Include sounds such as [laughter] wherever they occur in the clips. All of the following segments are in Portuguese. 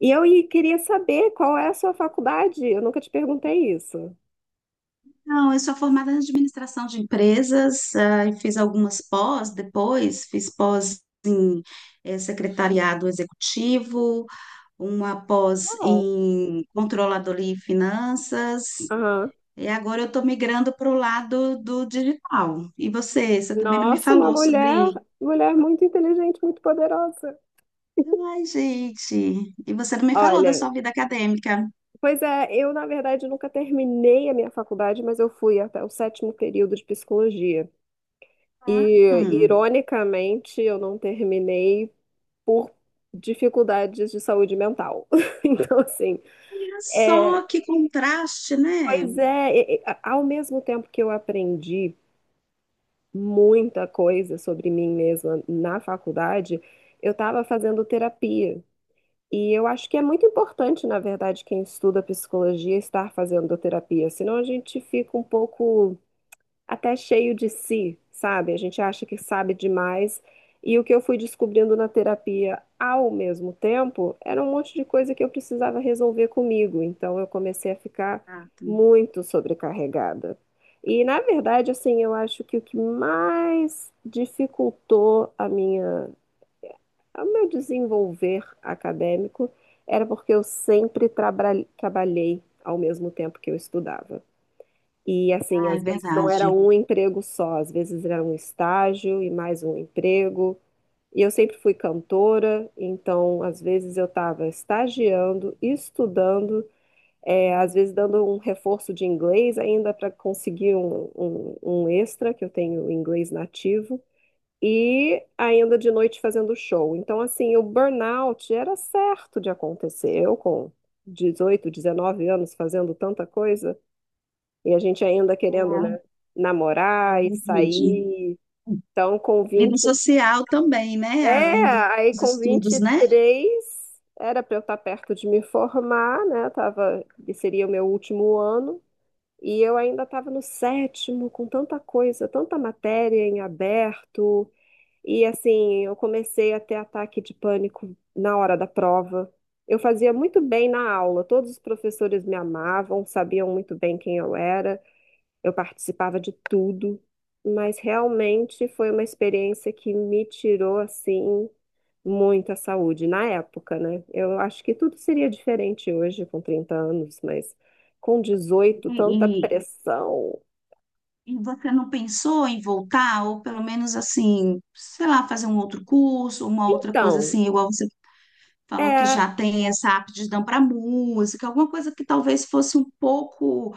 E eu queria saber qual é a sua faculdade. Eu nunca te perguntei isso. Não, eu sou formada em administração de empresas, e fiz algumas pós depois, fiz pós em secretariado executivo, uma pós Uau! em controladoria e finanças, Aham. e agora eu estou migrando para o lado do digital. E você, você também não me Nossa, uma falou sobre. mulher, mulher muito inteligente, muito poderosa. Ai, gente, e você não me falou da Olha, sua vida acadêmica. pois é, eu na verdade nunca terminei a minha faculdade, mas eu fui até o sétimo período de psicologia. E Hum, ironicamente, eu não terminei por dificuldades de saúde mental. [laughs] Então, assim, olha é, só que contraste, né? pois é, ao mesmo tempo que eu aprendi muita coisa sobre mim mesma na faculdade, eu estava fazendo terapia. E eu acho que é muito importante, na verdade, quem estuda psicologia estar fazendo terapia, senão a gente fica um pouco até cheio de si, sabe? A gente acha que sabe demais. E o que eu fui descobrindo na terapia ao mesmo tempo era um monte de coisa que eu precisava resolver comigo. Então eu comecei a ficar Ah, tá. muito sobrecarregada. E na verdade, assim, eu acho que o que mais dificultou a minha, o meu desenvolver acadêmico era porque eu sempre trabalhei ao mesmo tempo que eu estudava. E assim, Ah, é às vezes não era verdade. um emprego só, às vezes era um estágio e mais um emprego. E eu sempre fui cantora, então às vezes eu estava estagiando, estudando, às vezes dando um reforço de inglês ainda para conseguir um extra, que eu tenho inglês nativo, e ainda de noite fazendo show. Então, assim, o burnout era certo de acontecer. Eu com 18, 19 anos fazendo tanta coisa. E a gente ainda querendo, né, É namorar e verdade. sair. Então, com Vida vinte social também, né? É, Além dos aí com vinte estudos, e né? três era para eu estar perto de me formar, né? Tava, seria o meu último ano. E eu ainda estava no sétimo, com tanta coisa, tanta matéria em aberto. E assim, eu comecei a ter ataque de pânico na hora da prova. Eu fazia muito bem na aula, todos os professores me amavam, sabiam muito bem quem eu era, eu participava de tudo, mas realmente foi uma experiência que me tirou assim muita saúde na época, né? Eu acho que tudo seria diferente hoje com 30 anos, mas com 18, E, tanta e- pressão. e você não pensou em voltar, ou pelo menos assim, sei lá, fazer um outro curso, uma outra coisa Então, assim, igual você falou que é. já tem essa aptidão para música, alguma coisa que talvez fosse um pouco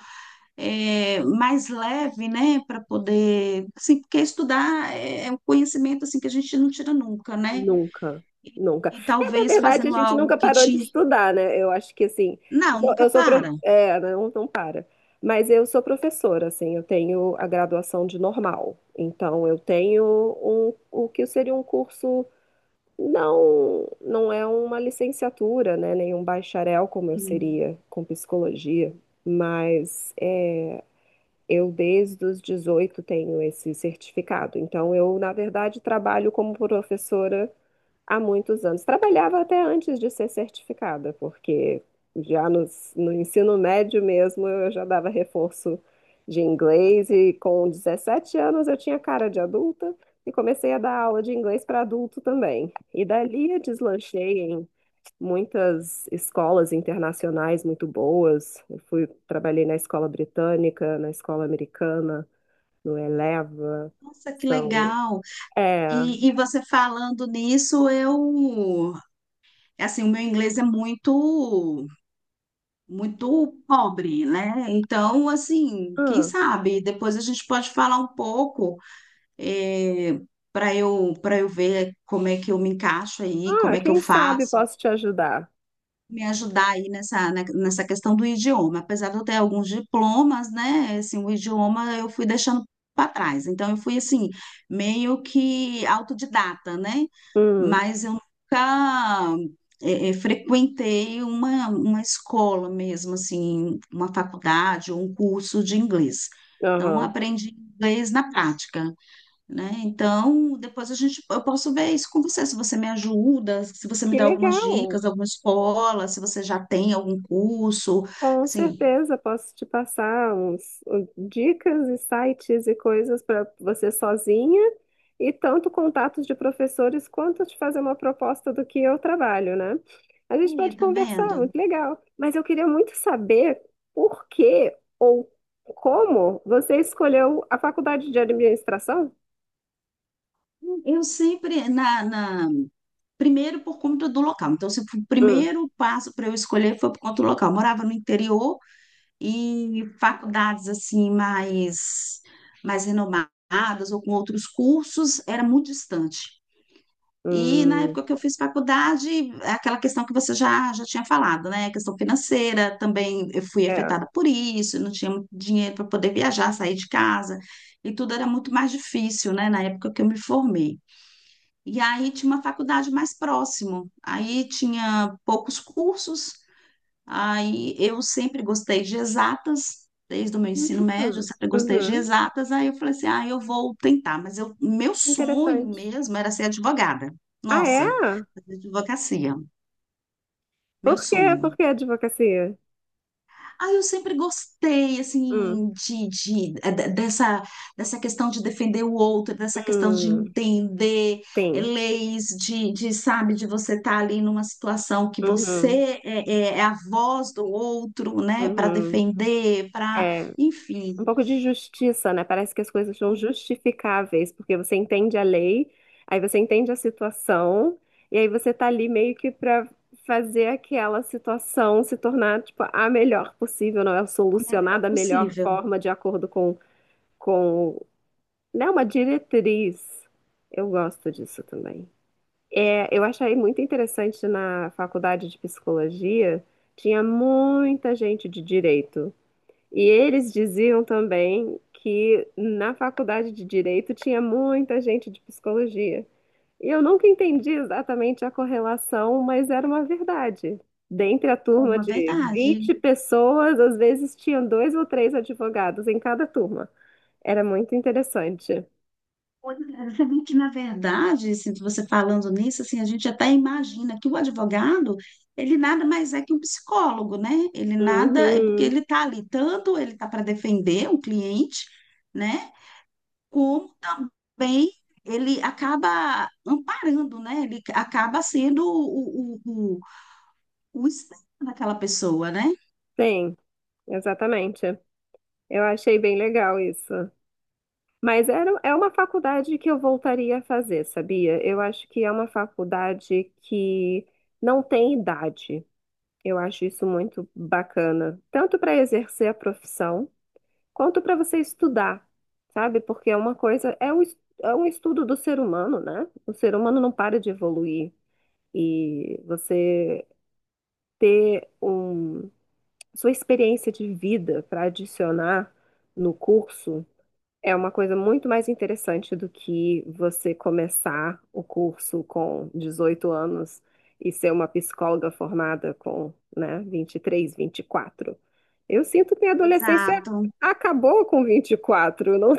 mais leve, né? Para poder, assim, porque estudar é um conhecimento assim que a gente não tira nunca, né? Nunca, nunca. E É, na talvez verdade, a fazendo gente algo nunca que parou de te. estudar, né? Eu acho que assim, Não, nunca para. É, né? Não, não para. Mas eu sou professora, assim, eu tenho a graduação de normal. Então, eu tenho um, o que seria um curso, não, não é uma licenciatura, né? Nem um bacharel, como eu seria com psicologia. Mas é, eu, desde os 18, tenho esse certificado. Então, eu, na verdade, trabalho como professora há muitos anos. Trabalhava até antes de ser certificada, porque já no, no ensino médio mesmo eu já dava reforço de inglês e com 17 anos eu tinha cara de adulta e comecei a dar aula de inglês para adulto também. E dali eu deslanchei em muitas escolas internacionais muito boas. Eu fui, trabalhei na escola britânica, na escola americana, no Eleva. Nossa, que São, legal! é, E você falando nisso, eu, assim, o meu inglês é muito, muito pobre, né? Então, assim, quem ah, sabe, depois a gente pode falar um pouco, para eu ver como é que eu me encaixo aí, como Ah, é que eu quem sabe faço. posso te ajudar. Me ajudar aí nessa, né, nessa questão do idioma. Apesar de eu ter alguns diplomas, né, assim, o idioma eu fui deixando para trás. Então eu fui assim, meio que autodidata, né? Hum, Mas eu nunca frequentei uma escola mesmo, assim, uma faculdade ou um curso de inglês. Então eu aham. aprendi inglês na prática né? Então, depois a gente, eu posso ver isso com você, se você me ajuda, se você me Que dá algumas legal! dicas, alguma escola, se você já tem algum curso, Com assim, certeza posso te passar dicas e sites e coisas para você sozinha e tanto contatos de professores quanto te fazer uma proposta do que eu trabalho, né? A gente aí, pode tá conversar, vendo? muito legal. Mas eu queria muito saber por que ou como você escolheu a faculdade de administração? Eu sempre, primeiro por conta do local, então, se o Hum, primeiro passo para eu escolher foi por conta do local, eu morava no interior e faculdades, assim, mais, mais renomadas ou com outros cursos, era muito distante. E na hum, época que eu fiz faculdade, aquela questão que você já tinha falado, né? A questão financeira, também eu fui é. afetada por isso, eu não tinha muito dinheiro para poder viajar, sair de casa, e tudo era muito mais difícil, né? Na época que eu me formei. E aí tinha uma faculdade mais próximo, aí tinha poucos cursos. Aí eu sempre gostei de exatas, desde o meu ensino médio, eu sempre gostei de Uhum. exatas. Aí eu falei assim: ah, eu vou tentar, mas eu, meu sonho Interessante. mesmo era ser advogada. Ah, Nossa, é? fazer advocacia, meu Por quê? Por sonho. que advocacia? Ah, eu sempre gostei, Hum, assim, dessa, dessa questão de defender o outro, dessa questão de hum, entender tem. leis, sabe, de você estar ali numa situação que Uhum, você é a voz do outro, né, para uhum. defender, para, É, enfim, um pouco de justiça, né? Parece que as coisas são o justificáveis, porque você entende a lei, aí você entende a situação, e aí você tá ali meio que pra fazer aquela situação se tornar, tipo, a melhor possível, não é? Solucionar melhor da melhor possível. forma, de acordo com, né? Uma diretriz. Eu gosto disso também. É, eu achei muito interessante na faculdade de psicologia, tinha muita gente de direito. E eles diziam também que na faculdade de direito tinha muita gente de psicologia. E eu nunca entendi exatamente a correlação, mas era uma verdade. Dentre a É turma uma de verdade. 20 pessoas, às vezes tinham dois ou três advogados em cada turma. Era muito interessante. Pois é, gente, [laughs] na verdade, assim, você falando nisso, assim, a gente até imagina que o advogado, ele nada mais é que um psicólogo, né? Ele nada, é porque Uhum, ele está ali, tanto ele está para defender um cliente, né? Como também ele acaba amparando, né? Ele acaba sendo o espelho daquela pessoa, né? tem, exatamente. Eu achei bem legal isso. Mas era, é uma faculdade que eu voltaria a fazer, sabia? Eu acho que é uma faculdade que não tem idade. Eu acho isso muito bacana, tanto para exercer a profissão, quanto para você estudar, sabe? Porque é uma coisa, é um estudo do ser humano, né? O ser humano não para de evoluir. E você ter um, sua experiência de vida para adicionar no curso. É uma coisa muito mais interessante do que você começar o curso com 18 anos e ser uma psicóloga formada com, né, 23, 24. Eu sinto que minha adolescência Exato. acabou com 24, eu não,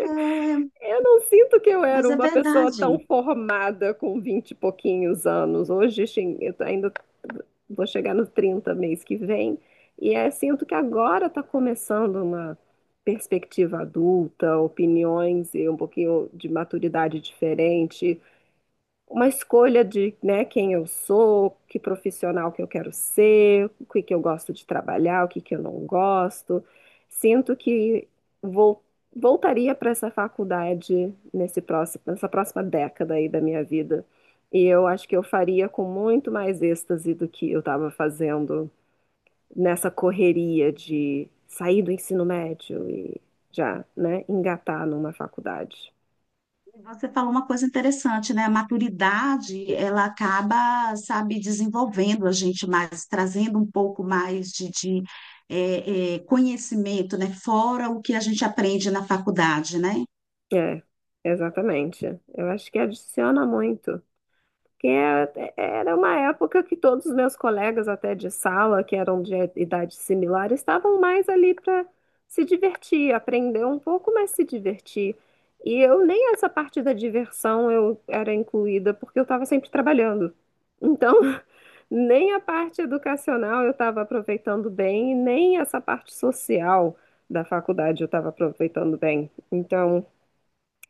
É, eu não sinto que eu era mas é uma pessoa verdade. tão formada com 20 e pouquinhos anos. Hoje, ainda vou chegar nos 30 mês que vem. E é, sinto que agora está começando uma perspectiva adulta, opiniões e um pouquinho de maturidade diferente, uma escolha de, né, quem eu sou, que profissional que eu quero ser, o que que eu gosto de trabalhar, o que que eu não gosto. Sinto que vou, voltaria para essa faculdade nesse próximo, nessa próxima década aí da minha vida. E eu acho que eu faria com muito mais êxtase do que eu estava fazendo nessa correria de sair do ensino médio e já, né, engatar numa faculdade. Você falou uma coisa interessante, né? A maturidade, ela acaba, sabe, desenvolvendo a gente mais, trazendo um pouco mais conhecimento, né? Fora o que a gente aprende na faculdade, né? É, exatamente. Eu acho que adiciona muito. Porque é- Era uma época que todos os meus colegas, até de sala, que eram de idade similar, estavam mais ali para se divertir, aprender um pouco, mas se divertir. E eu nem essa parte da diversão eu era incluída, porque eu estava sempre trabalhando. Então, [laughs] nem a parte educacional eu estava aproveitando bem, e nem essa parte social da faculdade eu estava aproveitando bem. Então.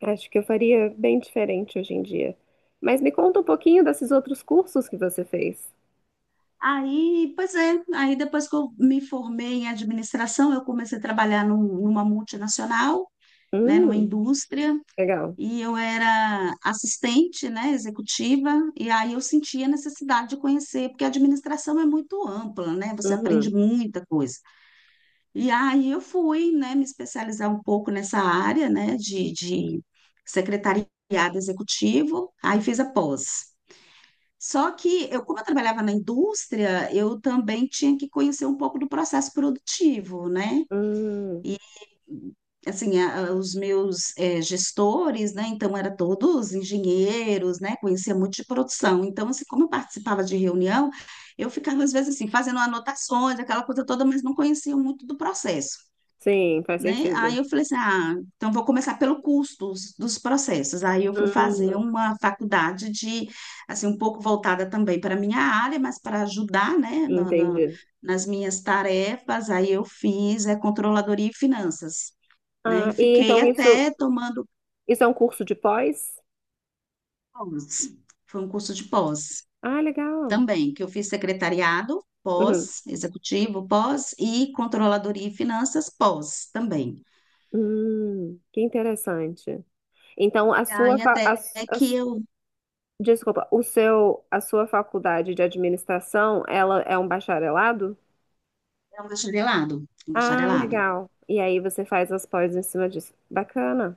Acho que eu faria bem diferente hoje em dia. Mas me conta um pouquinho desses outros cursos que você fez. Aí, pois é, aí depois que eu me formei em administração, eu comecei a trabalhar numa multinacional, né? Numa Hum, indústria. legal. E eu era assistente, né, executiva, e aí eu sentia a necessidade de conhecer, porque a administração é muito ampla, né, você aprende Uhum. muita coisa. E aí eu fui, né, me especializar um pouco nessa área, né, de secretariado executivo, aí fiz a pós. Só que eu, como eu trabalhava na indústria, eu também tinha que conhecer um pouco do processo produtivo, né? Hum, Assim, os meus gestores, né, então era todos engenheiros, né, conhecia muito de produção, então assim, como eu participava de reunião, eu ficava às vezes assim, fazendo anotações, aquela coisa toda, mas não conhecia muito do processo, sim, faz né, aí sentido. eu falei assim, ah, então vou começar pelo custo dos processos, aí eu fui fazer Hum, uma faculdade de, assim, um pouco voltada também para a minha área, mas para ajudar, né, entendi. nas minhas tarefas, aí eu fiz é, controladoria e finanças né? E Ah, e fiquei então isso, até tomando isso é um curso de pós? pós. Foi um curso de pós Ah, legal. também, que eu fiz secretariado, Uhum. pós, executivo, pós, e controladoria e finanças, pós também. Que interessante. Então, a sua, Aí fa- até a que s- eu desculpa, o seu, a sua faculdade de administração, ela é um bacharelado? é um bacharelado, um Ah, bacharelado. legal. E aí você faz as pós em cima disso. Bacana.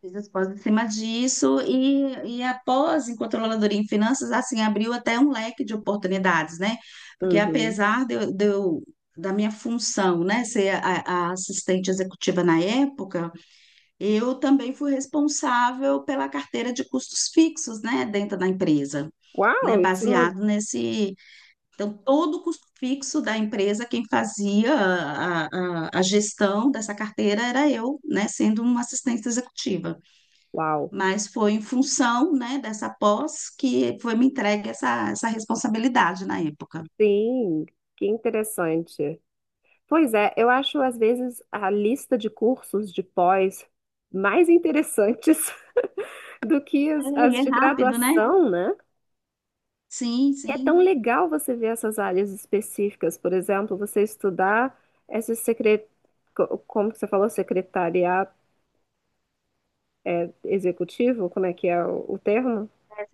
Fiz as pós em cima disso e a pós em controladoria em finanças, assim, abriu até um leque de oportunidades, né? Porque Uhum. apesar de eu, da minha função, né, ser a assistente executiva na época, eu também fui responsável pela carteira de custos fixos, né, dentro da empresa, né, Uau, isso não... baseado nesse. Então, todo o custo fixo da empresa, quem fazia a gestão dessa carteira era eu, né, sendo uma assistente executiva. Uau. Mas foi em função, né, dessa pós que foi me entregue essa, essa responsabilidade na época. Sim, que interessante. Pois é, eu acho às vezes a lista de cursos de pós mais interessantes [laughs] do que É, as, e as é de rápido, né? graduação, né? Sim, É tão sim. legal você ver essas áreas específicas. Por exemplo, você estudar esse como que você falou? Secretariado executivo? Como é que é o termo?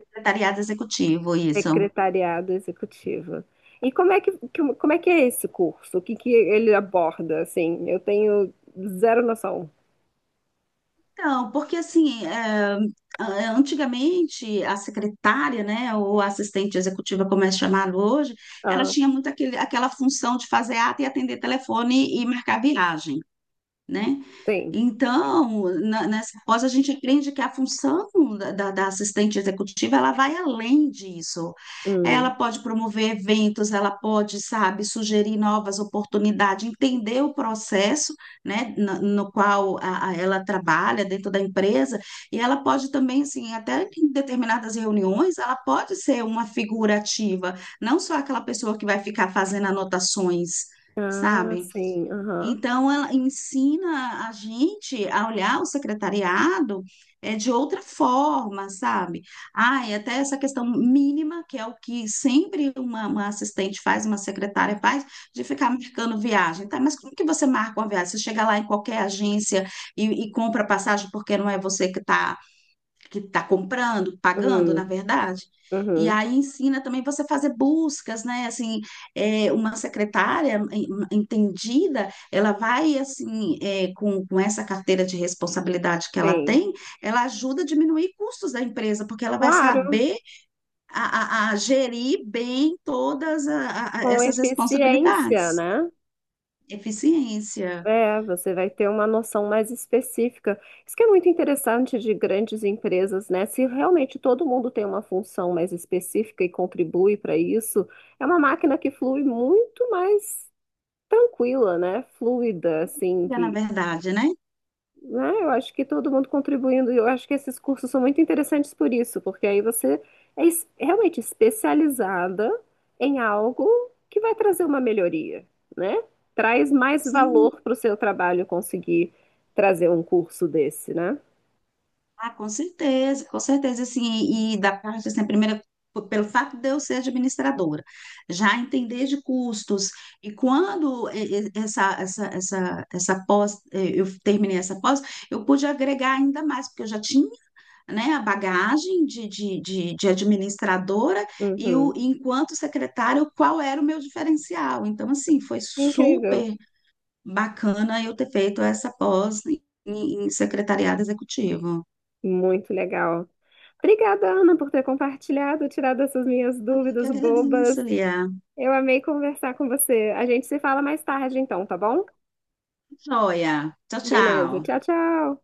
Secretariado executivo, isso. Secretariado executivo. E como é que, como é que é esse curso? O que que ele aborda, assim? Eu tenho zero noção. Então, porque assim, é, antigamente a secretária, né, ou a assistente executiva, como é chamado hoje, ela Ah, tinha muito aquele, aquela função de fazer ata e atender telefone e marcar viagem né? tem. Então, nessa pós, a gente aprende que a função da assistente executiva, ela vai além disso. Ela Hum. pode promover eventos, ela pode, sabe, sugerir novas oportunidades, entender o processo, né, na- no, qual ela trabalha dentro da empresa, e ela pode também, assim, até em determinadas reuniões, ela pode ser uma figura ativa, não só aquela pessoa que vai ficar fazendo anotações, Ah, sabe? sim. Aham. Então, ela ensina a gente a olhar o secretariado é, de outra forma, sabe? Ah, e até essa questão mínima, que é o que sempre uma assistente faz, uma secretária faz, de ficar marcando viagem. Tá, mas como que você marca uma viagem? Você chega lá em qualquer agência e compra passagem porque não é você que está comprando, pagando, na Hum. verdade. E Uhum. aí ensina também você fazer buscas, né? Assim, é, uma secretária entendida, ela vai assim, é, com essa carteira de responsabilidade que ela Sim. tem, ela ajuda a diminuir custos da empresa, porque ela vai Claro, saber a gerir bem todas com essas eficiência, responsabilidades. né? Eficiência, É, você vai ter uma noção mais específica. Isso que é muito interessante de grandes empresas, né? Se realmente todo mundo tem uma função mais específica e contribui para isso, é uma máquina que flui muito mais tranquila, né? Fluida, assim, na que, verdade, né? né? Eu acho que todo mundo contribuindo, e eu acho que esses cursos são muito interessantes por isso, porque aí você realmente especializada em algo que vai trazer uma melhoria, né? Traz mais Sim. valor para o seu trabalho conseguir trazer um curso desse, né? Ah, com certeza, assim, e, da parte, assim, primeiro, pelo fato de eu ser administradora, já entender de custos, e quando essa pós, eu terminei essa pós, eu pude agregar ainda mais, porque eu já tinha, né, a bagagem de administradora, e o, Uhum. enquanto secretário, qual era o meu diferencial, então, assim, foi Incrível, super bacana eu ter feito essa pós em, em secretariado executivo. muito legal. Obrigada, Ana, por ter compartilhado, tirado essas minhas Eu que dúvidas bobas. agradeço, Lia. Eu amei conversar com você. A gente se fala mais tarde, então, tá bom? Joia. Tchau, Beleza. tchau. Tchau, tchau.